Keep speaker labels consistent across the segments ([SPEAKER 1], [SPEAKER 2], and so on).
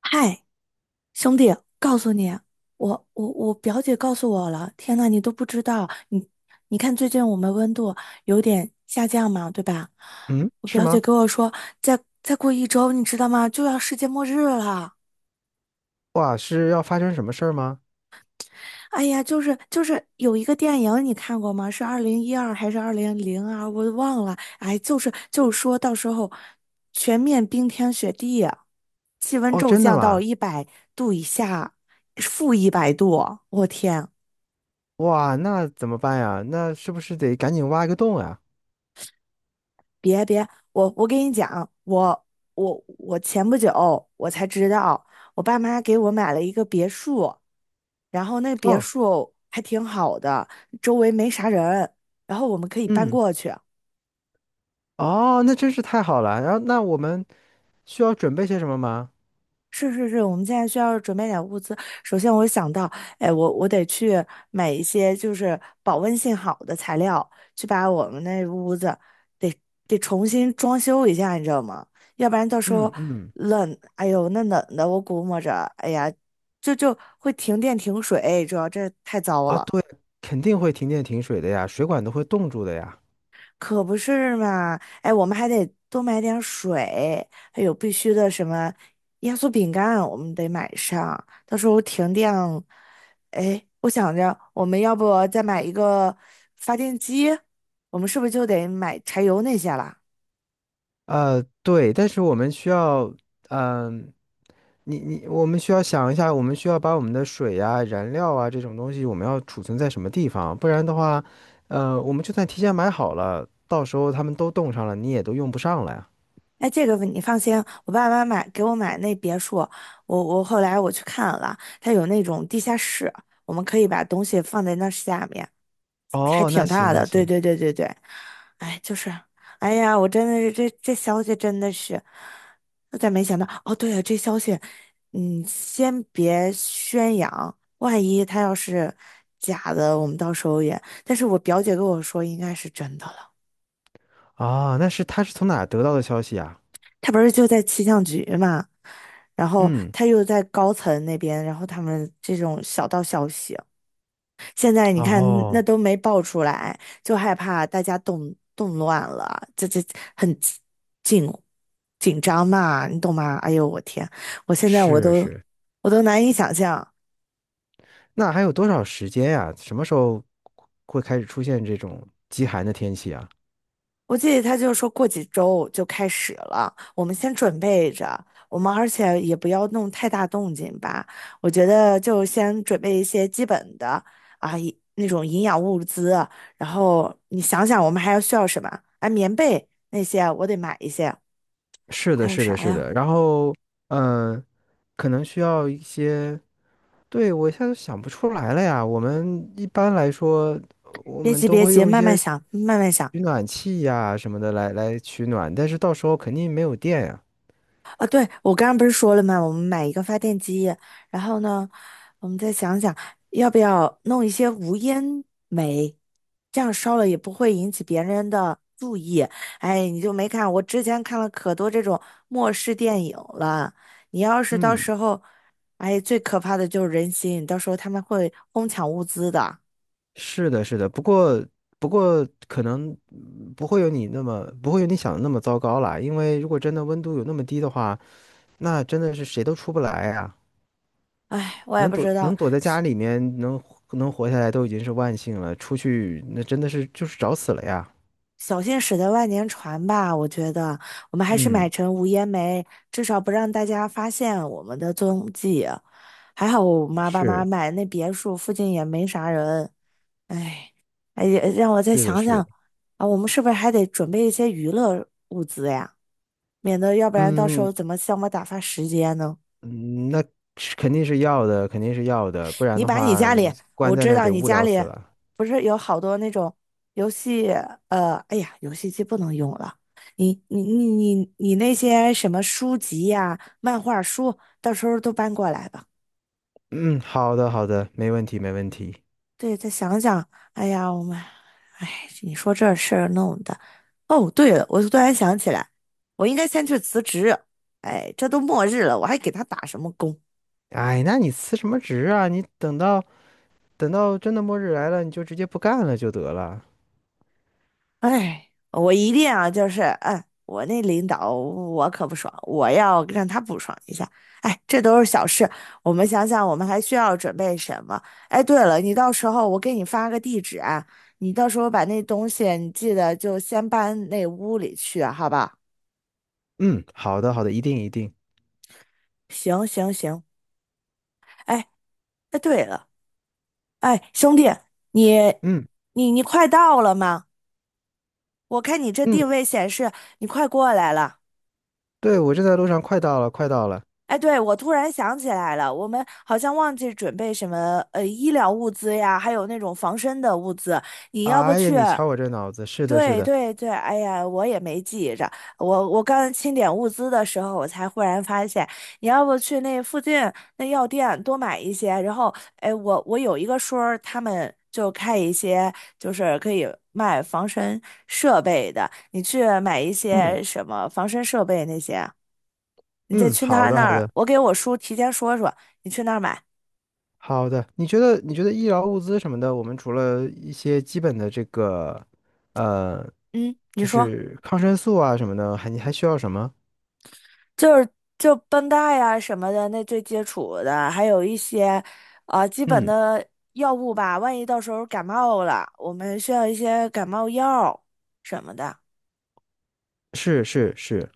[SPEAKER 1] 嗨，兄弟，告诉你，我表姐告诉我了。天呐，你都不知道，你看最近我们温度有点下降嘛，对吧？
[SPEAKER 2] 嗯，
[SPEAKER 1] 我
[SPEAKER 2] 是
[SPEAKER 1] 表姐
[SPEAKER 2] 吗？
[SPEAKER 1] 跟我说，再过一周，你知道吗？就要世界末日了。
[SPEAKER 2] 哇，是要发生什么事儿吗？
[SPEAKER 1] 哎呀，就是有一个电影你看过吗？是2012还是2002？我忘了。哎，就是说到时候全面冰天雪地啊，气温
[SPEAKER 2] 哦，
[SPEAKER 1] 骤
[SPEAKER 2] 真的
[SPEAKER 1] 降到
[SPEAKER 2] 吗？
[SPEAKER 1] 一百度以下，-100度。我天，
[SPEAKER 2] 哇，那怎么办呀？那是不是得赶紧挖一个洞呀？
[SPEAKER 1] 别别，我跟你讲，我前不久我才知道，我爸妈给我买了一个别墅，然后那别
[SPEAKER 2] 哦，
[SPEAKER 1] 墅还挺好的，周围没啥人，然后我们可以搬
[SPEAKER 2] 嗯，
[SPEAKER 1] 过去。
[SPEAKER 2] 哦，那真是太好了。然后，那我们需要准备些什么吗？
[SPEAKER 1] 是是是，我们现在需要准备点物资。首先，我想到，哎，我得去买一些就是保温性好的材料，去把我们那屋子得得重新装修一下，你知道吗？要不然到时候
[SPEAKER 2] 嗯嗯，
[SPEAKER 1] 冷，哎呦，那冷的我估摸着，哎呀，就会停电停水，主要这太糟
[SPEAKER 2] 啊，
[SPEAKER 1] 了。
[SPEAKER 2] 对，肯定会停电停水的呀，水管都会冻住的呀。
[SPEAKER 1] 可不是嘛！哎，我们还得多买点水，还有必须的什么压缩饼干，我们得买上。到时候停电，哎，我想着我们要不再买一个发电机？我们是不是就得买柴油那些了？
[SPEAKER 2] 呃，对，但是我们需要，嗯、你，我们需要想一下，我们需要把我们的水呀、燃料啊这种东西，我们要储存在什么地方？不然的话，呃，我们就算提前买好了，到时候他们都冻上了，你也都用不上了呀。
[SPEAKER 1] 哎，这个你放心，我爸妈给我买那别墅，我后来我去看了，它有那种地下室，我们可以把东西放在那下面。还
[SPEAKER 2] 哦，那
[SPEAKER 1] 挺
[SPEAKER 2] 行
[SPEAKER 1] 大
[SPEAKER 2] 那
[SPEAKER 1] 的，对
[SPEAKER 2] 行，
[SPEAKER 1] 对对对对，哎，就是，哎呀，我真的是这消息真的是，我咋没想到？哦，对了，这消息，嗯，先别宣扬，万一他要是假的，我们到时候也……但是我表姐跟我说应该是真的了，
[SPEAKER 2] 啊、那是他是从哪儿得到的消息啊？
[SPEAKER 1] 他不是就在气象局嘛，然后
[SPEAKER 2] 嗯，
[SPEAKER 1] 他又在高层那边，然后他们这种小道消息。现在你看那
[SPEAKER 2] 哦，
[SPEAKER 1] 都没爆出来，就害怕大家动乱了，这很紧紧张嘛，你懂吗？哎呦，我天，我现在我
[SPEAKER 2] 是
[SPEAKER 1] 都
[SPEAKER 2] 是，
[SPEAKER 1] 我都难以想象。
[SPEAKER 2] 那还有多少时间呀、什么时候会开始出现这种极寒的天气啊？
[SPEAKER 1] 我记得他就说过几周就开始了，我们先准备着，我们而且也不要弄太大动静吧。我觉得就先准备一些基本的啊，那种营养物资，然后你想想我们还要需要什么？啊，棉被那些我得买一些，
[SPEAKER 2] 是
[SPEAKER 1] 还
[SPEAKER 2] 的，
[SPEAKER 1] 有
[SPEAKER 2] 是
[SPEAKER 1] 啥
[SPEAKER 2] 的，是
[SPEAKER 1] 呀？
[SPEAKER 2] 的。然后，嗯，可能需要一些，对，我现在想不出来了呀。我们一般来说，我
[SPEAKER 1] 别
[SPEAKER 2] 们
[SPEAKER 1] 急，
[SPEAKER 2] 都
[SPEAKER 1] 别
[SPEAKER 2] 会
[SPEAKER 1] 急，
[SPEAKER 2] 用一
[SPEAKER 1] 慢慢
[SPEAKER 2] 些
[SPEAKER 1] 想，慢慢想。
[SPEAKER 2] 取暖器呀什么的来取暖，但是到时候肯定没有电呀。
[SPEAKER 1] 啊，对，我刚刚不是说了吗？我们买一个发电机，然后呢，我们再想想要不要弄一些无烟煤，这样烧了也不会引起别人的注意。哎，你就没看，我之前看了可多这种末世电影了。你要是到
[SPEAKER 2] 嗯，
[SPEAKER 1] 时候，哎，最可怕的就是人心，到时候他们会哄抢物资的。
[SPEAKER 2] 是的，是的。不过，不过可能不会有你那么，不会有你想的那么糟糕啦。因为如果真的温度有那么低的话，那真的是谁都出不来呀。
[SPEAKER 1] 哎，我也
[SPEAKER 2] 能
[SPEAKER 1] 不
[SPEAKER 2] 躲
[SPEAKER 1] 知道，
[SPEAKER 2] 能躲在家里面能活下来都已经是万幸了，出去那真的是就是找死了呀。
[SPEAKER 1] 小心驶得万年船吧，我觉得我们还是
[SPEAKER 2] 嗯，
[SPEAKER 1] 买成无烟煤，至少不让大家发现我们的踪迹。还好爸妈
[SPEAKER 2] 是
[SPEAKER 1] 买那别墅附近也没啥人，哎，哎，让我再
[SPEAKER 2] 是的，
[SPEAKER 1] 想
[SPEAKER 2] 是
[SPEAKER 1] 想
[SPEAKER 2] 的，
[SPEAKER 1] 啊，我们是不是还得准备一些娱乐物资呀？免得要不然到时
[SPEAKER 2] 嗯
[SPEAKER 1] 候怎么向我打发时间呢？
[SPEAKER 2] 嗯，那是肯定是要的，肯定是要的，不然
[SPEAKER 1] 你
[SPEAKER 2] 的
[SPEAKER 1] 把你
[SPEAKER 2] 话
[SPEAKER 1] 家里，
[SPEAKER 2] 关
[SPEAKER 1] 我
[SPEAKER 2] 在
[SPEAKER 1] 知
[SPEAKER 2] 那儿
[SPEAKER 1] 道
[SPEAKER 2] 得
[SPEAKER 1] 你
[SPEAKER 2] 无
[SPEAKER 1] 家
[SPEAKER 2] 聊
[SPEAKER 1] 里
[SPEAKER 2] 死了。
[SPEAKER 1] 不是有好多那种游戏，哎呀，游戏机不能用了。你你你你那些什么书籍呀、漫画书，到时候都搬过来吧。
[SPEAKER 2] 嗯，好的好的，没问题没问题。
[SPEAKER 1] 对，再想想，哎呀，我们，哎，你说这事儿弄的。哦，对了，我突然想起来，我应该先去辞职。哎，这都末日了，我还给他打什么工？
[SPEAKER 2] 哎，那你辞什么职啊？你等到等到真的末日来了，你就直接不干了就得了。
[SPEAKER 1] 哎，我一定啊，就是，哎，我那领导我可不爽，我要让他不爽一下。哎，这都是小事，我们想想，我们还需要准备什么？哎，对了，你到时候我给你发个地址啊，你到时候把那东西你记得就先搬那屋里去啊，好吧？
[SPEAKER 2] 嗯，好的好的，一定一定。
[SPEAKER 1] 行行行，哎哎，对了，哎，兄弟，你
[SPEAKER 2] 嗯
[SPEAKER 1] 你快到了吗？我看你这
[SPEAKER 2] 嗯，
[SPEAKER 1] 定位显示你快过来了。
[SPEAKER 2] 对，我正在路上，快到了快到了。
[SPEAKER 1] 哎，对，我突然想起来了，我们好像忘记准备什么医疗物资呀，还有那种防身的物资，你要不
[SPEAKER 2] 哎呀，
[SPEAKER 1] 去？
[SPEAKER 2] 你瞧我这脑子，是的，是
[SPEAKER 1] 对
[SPEAKER 2] 的，
[SPEAKER 1] 对对，哎呀，我也没记着，我刚清点物资的时候，我才忽然发现，你要不去那附近那药店多买一些，然后哎，我有一个叔儿他们就开一些就是可以卖防身设备的，你去买一
[SPEAKER 2] 嗯
[SPEAKER 1] 些什么防身设备那些啊。你再
[SPEAKER 2] 嗯，
[SPEAKER 1] 去
[SPEAKER 2] 好
[SPEAKER 1] 他
[SPEAKER 2] 的，
[SPEAKER 1] 那
[SPEAKER 2] 好的，
[SPEAKER 1] 儿，我给我叔提前说说，你去那儿买。
[SPEAKER 2] 好的。你觉得医疗物资什么的，我们除了一些基本的这个，呃，
[SPEAKER 1] 嗯，你
[SPEAKER 2] 就
[SPEAKER 1] 说
[SPEAKER 2] 是抗生素啊什么的，还你还需要什么？
[SPEAKER 1] 就是就绷带呀、什么的，那最基础的，还有一些啊基本
[SPEAKER 2] 嗯，
[SPEAKER 1] 的药物吧，万一到时候感冒了，我们需要一些感冒药什么的。
[SPEAKER 2] 是是是，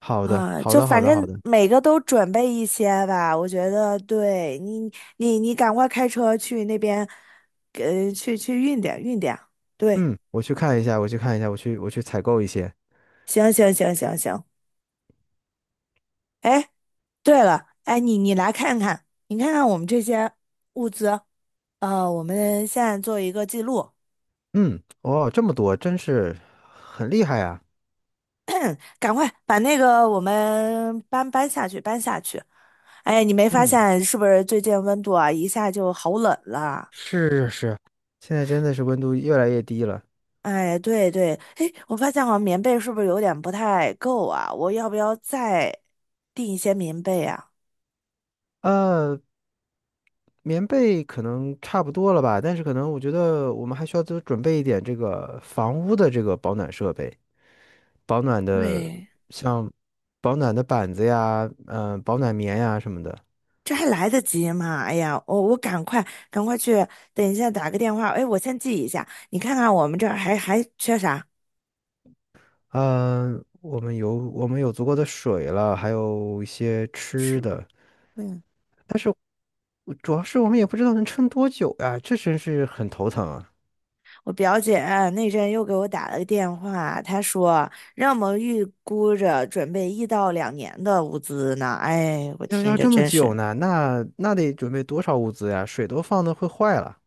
[SPEAKER 2] 好的，
[SPEAKER 1] 啊、
[SPEAKER 2] 好
[SPEAKER 1] 就
[SPEAKER 2] 的，好
[SPEAKER 1] 反
[SPEAKER 2] 的，好
[SPEAKER 1] 正
[SPEAKER 2] 的。
[SPEAKER 1] 每个都准备一些吧，我觉得对你，你赶快开车去那边，去运点运点。对，
[SPEAKER 2] 嗯，我去看一下，我去采购一些。
[SPEAKER 1] 行行行行行，哎，对了，哎，你来看看，你看看我们这些物资，我们现在做一个记录，
[SPEAKER 2] 嗯，哦，这么多，真是很厉害啊。
[SPEAKER 1] 赶快把那个我们搬下去，搬下去。哎，你没发
[SPEAKER 2] 嗯，
[SPEAKER 1] 现是不是最近温度啊一下就好冷了？
[SPEAKER 2] 是是是，现在真的是温度越来越低了。
[SPEAKER 1] 哎，对对，哎，我发现好像棉被是不是有点不太够啊？我要不要再订一些棉被啊？
[SPEAKER 2] 呃，棉被可能差不多了吧，但是可能我觉得我们还需要多准备一点这个房屋的这个保暖设备，保暖的
[SPEAKER 1] 对。
[SPEAKER 2] 像保暖的板子呀，保暖棉呀什么的。
[SPEAKER 1] 这还来得及吗？哎呀，我赶快去，等一下打个电话。哎，我先记一下，你看看我们这儿还缺啥？
[SPEAKER 2] 嗯、我们有足够的水了，还有一些吃
[SPEAKER 1] 是，
[SPEAKER 2] 的。
[SPEAKER 1] 嗯，
[SPEAKER 2] 我主要是我们也不知道能撑多久呀，这真是很头疼啊！
[SPEAKER 1] 我表姐啊那阵又给我打了个电话，她说让我们预估着准备1到2年的物资呢。哎，我
[SPEAKER 2] 要
[SPEAKER 1] 听
[SPEAKER 2] 要
[SPEAKER 1] 着
[SPEAKER 2] 这么
[SPEAKER 1] 真
[SPEAKER 2] 久
[SPEAKER 1] 是，
[SPEAKER 2] 呢，那那得准备多少物资呀？水都放的会坏了。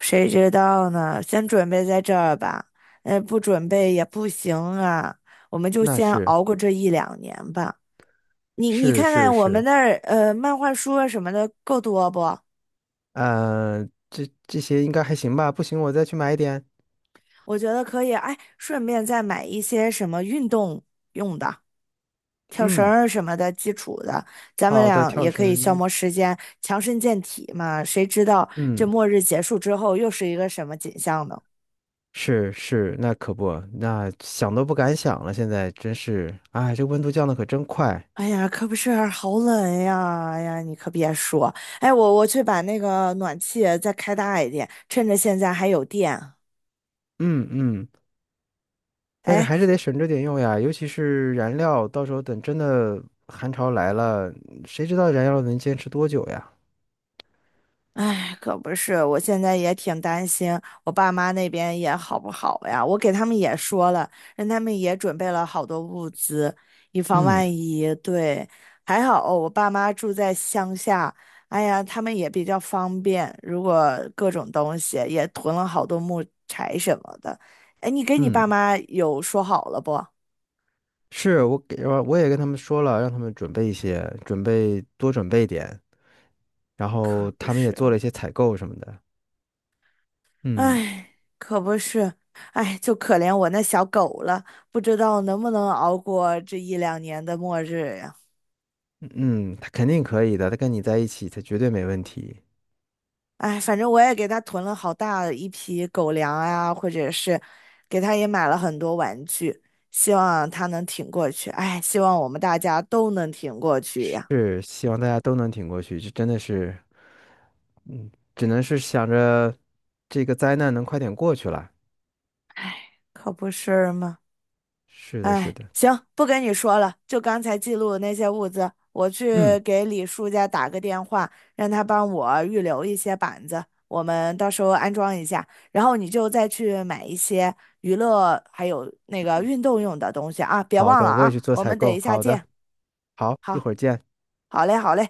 [SPEAKER 1] 谁知道呢？先准备在这儿吧，不准备也不行啊，我们就
[SPEAKER 2] 那
[SPEAKER 1] 先
[SPEAKER 2] 是
[SPEAKER 1] 熬过这一两年吧。你
[SPEAKER 2] 是
[SPEAKER 1] 看
[SPEAKER 2] 是
[SPEAKER 1] 看我们
[SPEAKER 2] 是。
[SPEAKER 1] 那儿漫画书啊什么的够多不？
[SPEAKER 2] 呃，这这些应该还行吧？不行，我再去买一点。
[SPEAKER 1] 我觉得可以，哎，顺便再买一些什么运动用的，跳绳
[SPEAKER 2] 嗯，
[SPEAKER 1] 儿什么的，基础的，咱们
[SPEAKER 2] 好的，
[SPEAKER 1] 俩
[SPEAKER 2] 跳
[SPEAKER 1] 也可以消
[SPEAKER 2] 绳。
[SPEAKER 1] 磨时间，强身健体嘛。谁知道这
[SPEAKER 2] 嗯，
[SPEAKER 1] 末日结束之后又是一个什么景象呢？
[SPEAKER 2] 是是，那可不，那想都不敢想了。现在真是，哎，这温度降的可真快。
[SPEAKER 1] 哎呀，可不是，好冷呀！哎呀，你可别说，哎，我去把那个暖气再开大一点，趁着现在还有电。
[SPEAKER 2] 嗯嗯，但是还是
[SPEAKER 1] 哎。
[SPEAKER 2] 得省着点用呀，尤其是燃料，到时候等真的寒潮来了，谁知道燃料能坚持多久呀？
[SPEAKER 1] 哎，可不是，我现在也挺担心我爸妈那边也好不好呀。我给他们也说了，让他们也准备了好多物资，以防
[SPEAKER 2] 嗯
[SPEAKER 1] 万一。对，还好哦我爸妈住在乡下，哎呀，他们也比较方便。如果各种东西也囤了好多木柴什么的，哎，你跟你爸
[SPEAKER 2] 嗯，
[SPEAKER 1] 妈有说好了不？
[SPEAKER 2] 是我给我我也跟他们说了，让他们准备一些，准备多准备一点，然
[SPEAKER 1] 可
[SPEAKER 2] 后
[SPEAKER 1] 不
[SPEAKER 2] 他们也
[SPEAKER 1] 是。
[SPEAKER 2] 做了一些采购什么的。嗯
[SPEAKER 1] 哎，可不是，哎，就可怜我那小狗了，不知道能不能熬过这一两年的末日呀。
[SPEAKER 2] 嗯，他肯定可以的，他跟你在一起，他绝对没问题。
[SPEAKER 1] 哎，反正我也给它囤了好大一批狗粮啊，或者是给它也买了很多玩具，希望它能挺过去。哎，希望我们大家都能挺过去呀，
[SPEAKER 2] 是，希望大家都能挺过去，这真的是，嗯，只能是想着这个灾难能快点过去了。
[SPEAKER 1] 可不是吗？
[SPEAKER 2] 是的，是
[SPEAKER 1] 哎，
[SPEAKER 2] 的，
[SPEAKER 1] 行，不跟你说了，就刚才记录的那些物资，我去
[SPEAKER 2] 嗯，
[SPEAKER 1] 给李叔家打个电话，让他帮我预留一些板子，我们到时候安装一下，然后你就再去买一些娱乐还有那个运动用的东西啊，别
[SPEAKER 2] 好
[SPEAKER 1] 忘了
[SPEAKER 2] 的，我也
[SPEAKER 1] 啊，
[SPEAKER 2] 去做
[SPEAKER 1] 我
[SPEAKER 2] 采
[SPEAKER 1] 们等一
[SPEAKER 2] 购。
[SPEAKER 1] 下
[SPEAKER 2] 好的，
[SPEAKER 1] 见。
[SPEAKER 2] 好，一
[SPEAKER 1] 好，
[SPEAKER 2] 会儿见。
[SPEAKER 1] 好嘞，好嘞。